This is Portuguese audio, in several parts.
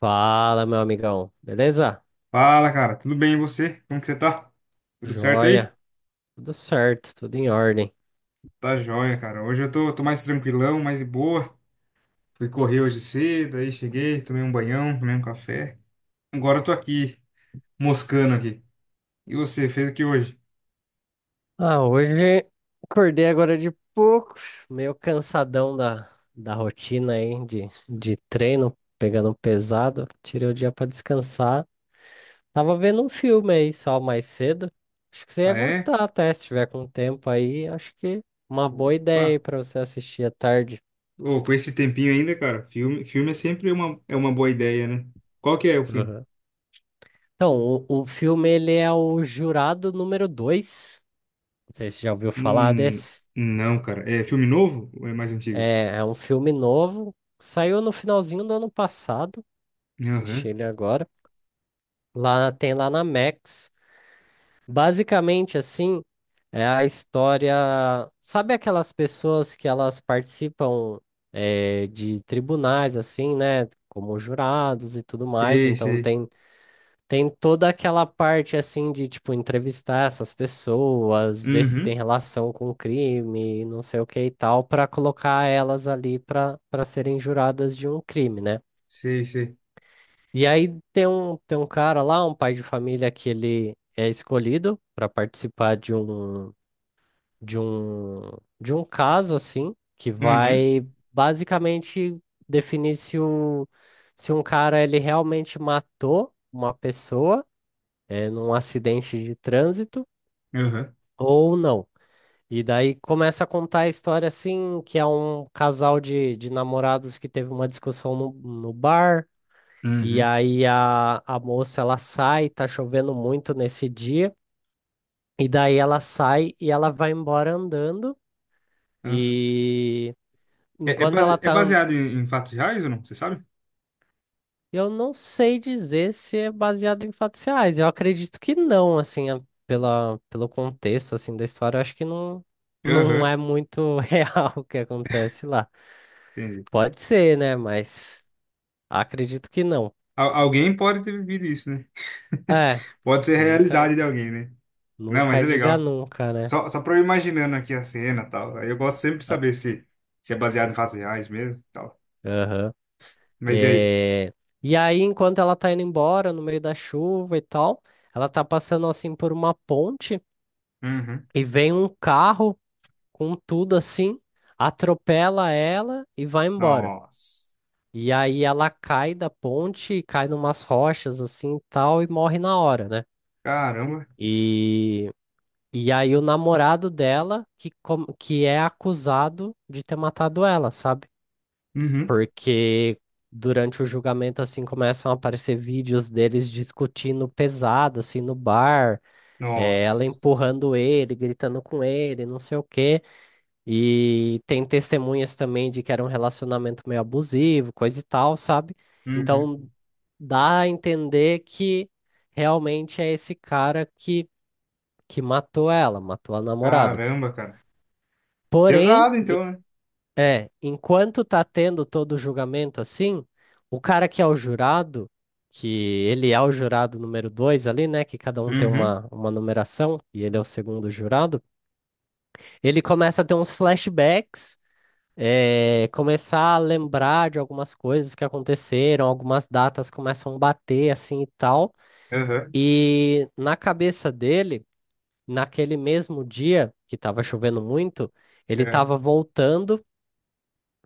Fala, meu amigão. Beleza? Fala, cara. Tudo bem e você? Como que você tá? Tudo certo aí? Joia. Tudo certo, tudo em ordem. Tá joia, cara. Hoje eu tô mais tranquilão, mais de boa. Fui correr hoje cedo, aí cheguei, tomei um banhão, tomei um café. Agora eu tô aqui, moscando aqui. E você, fez o que hoje? Ah, hoje acordei agora de pouco, meio cansadão da rotina aí de treino, pegando pesado. Tirei o dia pra descansar. Tava vendo um filme aí só mais cedo. Acho que você ia Ah, é? gostar até, se tiver com tempo aí. Acho que uma boa ideia aí Opa! pra você assistir à tarde. Ô, com esse tempinho ainda, cara, filme é sempre uma boa ideia, né? Qual que é o filme? Aham. Então, o filme ele é o Jurado número dois. Não sei se você já ouviu falar Hum, desse. não, cara. É filme novo ou é mais antigo? É um filme novo, saiu no finalzinho do ano passado, assisti Aham. ele agora. Lá tem lá na Max. Basicamente, assim, é a história. Sabe aquelas pessoas que elas participam de tribunais, assim, né? Como jurados e tudo mais. Sei, Então sei. tem toda aquela parte assim de tipo entrevistar essas pessoas, ver se Uhum. tem relação com o crime, não sei o que e tal, para colocar elas ali para serem juradas de um crime, né? Sei, sei. E aí tem um cara lá, um pai de família que ele é escolhido para participar de um de um de um caso assim, que Uhum. vai basicamente definir se um cara ele realmente matou uma pessoa num acidente de trânsito Aham. ou não. E daí começa a contar a história assim, que é um casal de namorados que teve uma discussão no bar, e Uhum. aí a moça ela sai, tá chovendo muito nesse dia, e daí ela sai e ela vai embora andando, Aham. e É, enquanto ela é tá baseado em fatos reais ou não? Você sabe? Eu não sei dizer se é baseado em fatos reais. Eu acredito que não, assim, pela, pelo contexto assim da história, eu acho que não, não Aham, é muito real o que acontece lá. entendi. Pode ser, né? Mas acredito que não. Alguém pode ter vivido isso, né? É, Pode ser a realidade nunca, de alguém, né? Não, mas nunca é diga legal. nunca, né? Só pra eu imaginando aqui a cena e tal. Aí eu gosto sempre de Ah, saber se é baseado em fatos reais mesmo e tal. aham. Mas e aí? É, e aí, enquanto ela tá indo embora no meio da chuva e tal, ela tá passando assim por uma ponte Uhum. e vem um carro com tudo assim, atropela ela e vai embora. Nossa. E aí ela cai da ponte, cai numas rochas assim e tal e morre na hora, né? Caramba. E, e aí o namorado dela que, que é acusado de ter matado ela, sabe? Uhum. Porque durante o julgamento assim começam a aparecer vídeos deles discutindo pesado assim no bar, ela Nossa. empurrando ele, gritando com ele, não sei o quê. E tem testemunhas também de que era um relacionamento meio abusivo, coisa e tal, sabe? Então Uhum. dá a entender que realmente é esse cara que matou ela, matou a namorada. Caramba, cara. Porém, Pesado então, né? é, enquanto tá tendo todo o julgamento assim, o cara que é o jurado, que ele é o jurado número dois ali, né? Que cada um tem Uhum. Uma numeração, e ele é o segundo jurado, ele começa a ter uns flashbacks, começar a lembrar de algumas coisas que aconteceram, algumas datas começam a bater assim e tal. Aham. E na cabeça dele, naquele mesmo dia que estava chovendo muito, ele É. estava voltando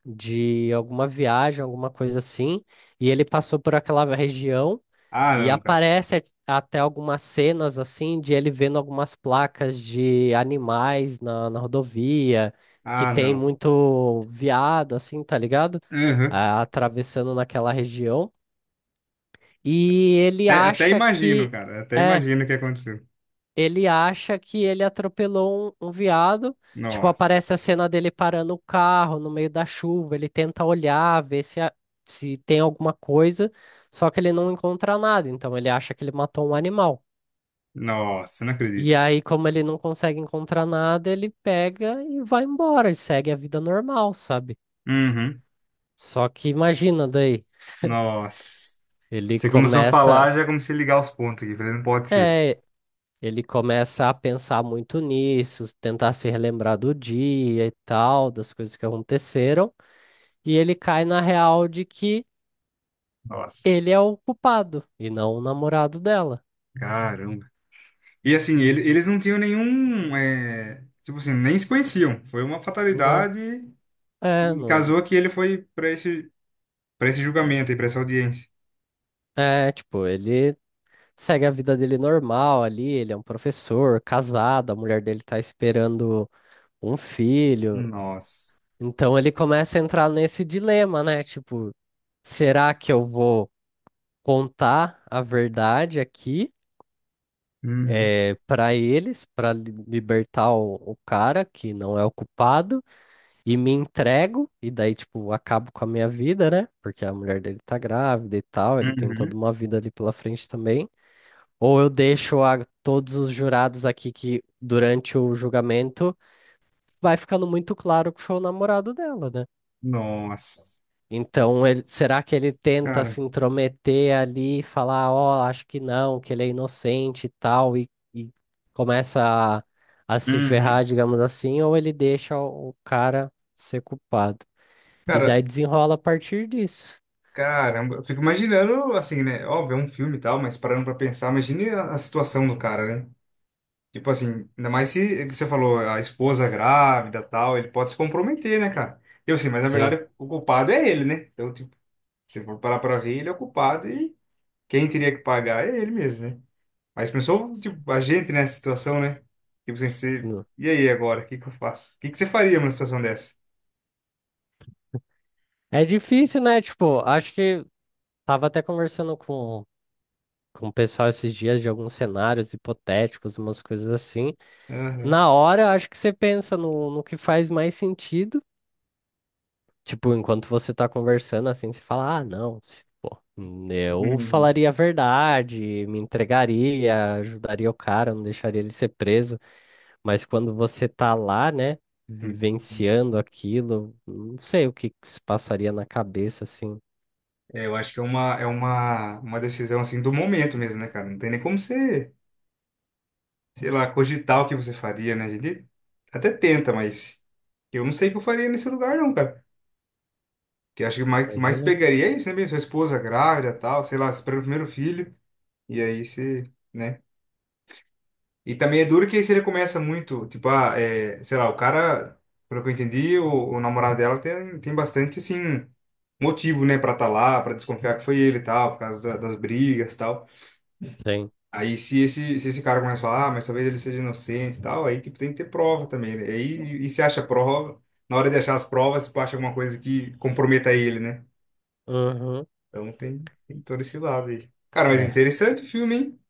de alguma viagem, alguma coisa assim, e ele passou por aquela região Ah, e não, cara. Até algumas cenas assim de ele vendo algumas placas de animais na rodovia, que Ah, tem não. muito veado, assim, tá ligado? Uhum. Ah, atravessando naquela região. E ele Até acha imagino, que cara. Até é, imagino o que aconteceu. ele acha que ele atropelou um veado. Tipo, aparece Nossa. a cena dele parando o carro no meio da chuva, ele tenta olhar, ver se, a- se tem alguma coisa, só que ele não encontra nada, então ele acha que ele matou um animal. Nossa, não E acredito. aí, como ele não consegue encontrar nada, ele pega e vai embora e segue a vida normal, sabe? Uhum. Só que imagina daí, Nossa. ele Você começou a falar, começa, já comecei a ligar os pontos aqui. Falei, não pode ser. é, ele começa a pensar muito nisso, tentar se relembrar do dia e tal, das coisas que aconteceram, e ele cai na real de que Nossa. ele é o culpado e não o namorado dela. Caramba. E assim, eles não tinham nenhum, é, tipo assim, nem se conheciam. Foi uma Não, fatalidade é, e não. casou que ele foi para esse julgamento e para essa audiência. É, tipo, ele segue a vida dele normal ali, ele é um professor, casado, a mulher dele tá esperando um filho. Nossa. Então ele começa a entrar nesse dilema, né? Tipo, será que eu vou contar a verdade aqui Uhum. Para eles, para libertar o cara que não é o culpado e me entrego e daí tipo acabo com a minha vida, né? Porque a mulher dele tá grávida e tal, ele tem toda Uhum. uma vida ali pela frente também. Ou eu deixo a todos os jurados aqui que, durante o julgamento, vai ficando muito claro que foi o namorado dela, né? Nossa. Então, será que ele tenta Cara. se intrometer ali, e falar, ó, acho que não, que ele é inocente e tal, e começa a, a se ferrar, Uhum. digamos assim, ou ele deixa o cara ser culpado? E Cara, daí desenrola a partir disso. caramba, eu fico imaginando, assim, né? Óbvio, é um filme e tal, mas parando pra pensar, imagine a situação do cara, né? Tipo assim, ainda mais se, que você falou, a esposa grávida tal, ele pode se comprometer, né, cara? Eu assim, mas na Sim. verdade o culpado é ele, né? Então, tipo, se for parar pra ver, ele é o culpado e quem teria que pagar é ele mesmo, né? Mas pensou, tipo, a gente nessa situação, né? Tipo assim, você, Hum. e aí agora? O que que eu faço? O que que você faria numa situação dessa? É difícil, né? Tipo, acho que tava até conversando com o pessoal esses dias de alguns cenários hipotéticos, umas coisas assim. Aham. Na hora, eu acho que você pensa no que faz mais sentido. Tipo, enquanto você tá conversando, assim, você fala, ah, não, pô, eu Uhum. falaria a verdade, me entregaria, ajudaria o cara, não deixaria ele ser preso. Mas quando você tá lá, né, Uhum. vivenciando aquilo, não sei o que que se passaria na cabeça, assim. É, eu acho que é uma decisão assim do momento mesmo, né, cara? Não tem nem como você, sei lá, cogitar o que você faria, né? A gente até tenta, mas eu não sei o que eu faria nesse lugar, não, cara. Que acho que mais Imagina? pegaria é isso, né? Bem? Sua esposa grávida, tal, sei lá, espera o primeiro filho, e aí você, né? E também é duro que aí você começa muito, tipo, ah, é, sei lá, o cara, pelo que eu entendi, o namorado dela tem bastante, assim, motivo, né, pra estar tá lá, pra desconfiar que foi ele e tal, por causa das brigas e tal. Sim. Aí se esse cara começa a falar, ah, mas talvez ele seja inocente e tal, aí tipo, tem que ter prova também, né? Aí, e se acha prova, na hora de achar as provas, tipo, acha alguma coisa que comprometa ele, né? Uhum. Então tem todo esse lado aí. Cara, mas É, interessante o filme, hein?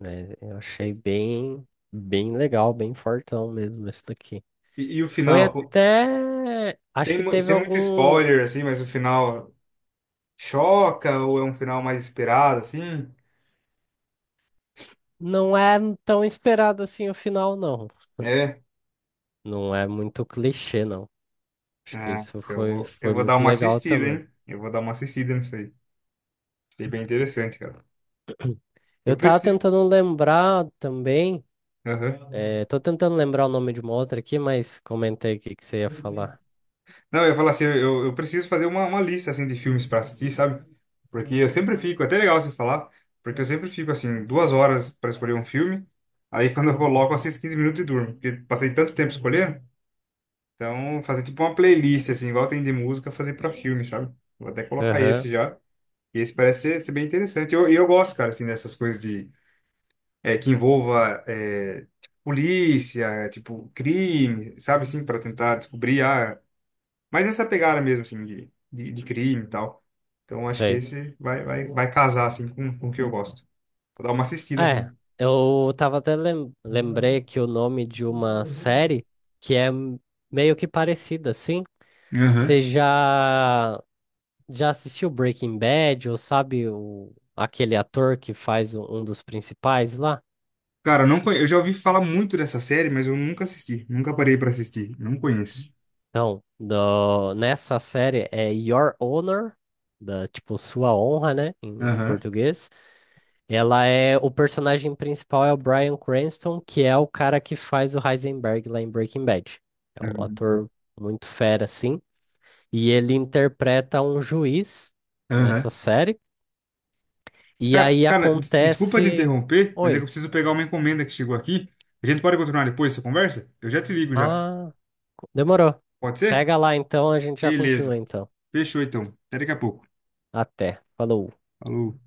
né? Eu achei bem legal, bem fortão mesmo esse daqui. E, o Foi final, até. Acho que teve sem muito algum. spoiler, assim, mas o final choca ou é um final mais esperado, assim? Não é tão esperado assim o final, não. É? Não é muito clichê, não. Acho que Ah, isso eu foi, vou, eu foi vou dar muito uma legal assistida, também. hein? Eu vou dar uma assistida nisso aí. Achei bem interessante, cara. Eu Eu tava preciso. tentando lembrar também. Aham. Tô tentando lembrar o nome de uma outra aqui, mas comentei o que que você ia falar. Não, eu ia falar assim, eu preciso fazer uma lista assim de filmes para assistir, sabe? Porque eu sempre fico, é até legal você falar, porque eu sempre fico assim, 2 horas para escolher um filme, aí quando eu coloco, eu assisto 15 minutos e durmo, porque passei tanto tempo escolhendo, então fazer tipo uma playlist, assim, igual tem de música, fazer para filme, sabe? Vou até colocar Aham, esse já, e esse parece ser bem interessante. E eu, gosto, cara, assim, dessas coisas de, é, que envolva, é, tipo, polícia, tipo, crime, sabe, assim, para tentar descobrir, ah, mas essa pegada mesmo, assim, de crime e tal. Então acho que sei. esse vai casar, assim, com o que eu gosto. Vou dar uma assistida, É, assim. eu tava até lembrei que o nome de uma série que é m- meio que parecida, assim. Aham. Você já, Já assistiu Breaking Bad, ou sabe o, aquele ator que faz um dos principais lá? Cara, eu não conhe... eu já ouvi falar muito dessa série, mas eu nunca assisti. Nunca parei pra assistir. Não conheço. Então, nessa série é Your Honor, da, tipo, sua honra, né, em Aham. português. Ela é. O personagem principal é o Bryan Cranston, que é o cara que faz o Heisenberg lá em Breaking Bad. É um Uhum. ator muito fera, assim. E ele interpreta um juiz Aham. nessa série. E Cara, aí cara, desculpa te acontece. interromper, mas é que eu Oi. preciso pegar uma encomenda que chegou aqui. A gente pode continuar depois essa conversa? Eu já te ligo já. Ah, demorou. Pode ser? Pega lá então, a gente já continua Beleza. então. Fechou então. Até daqui a pouco. Até. Falou. Falou.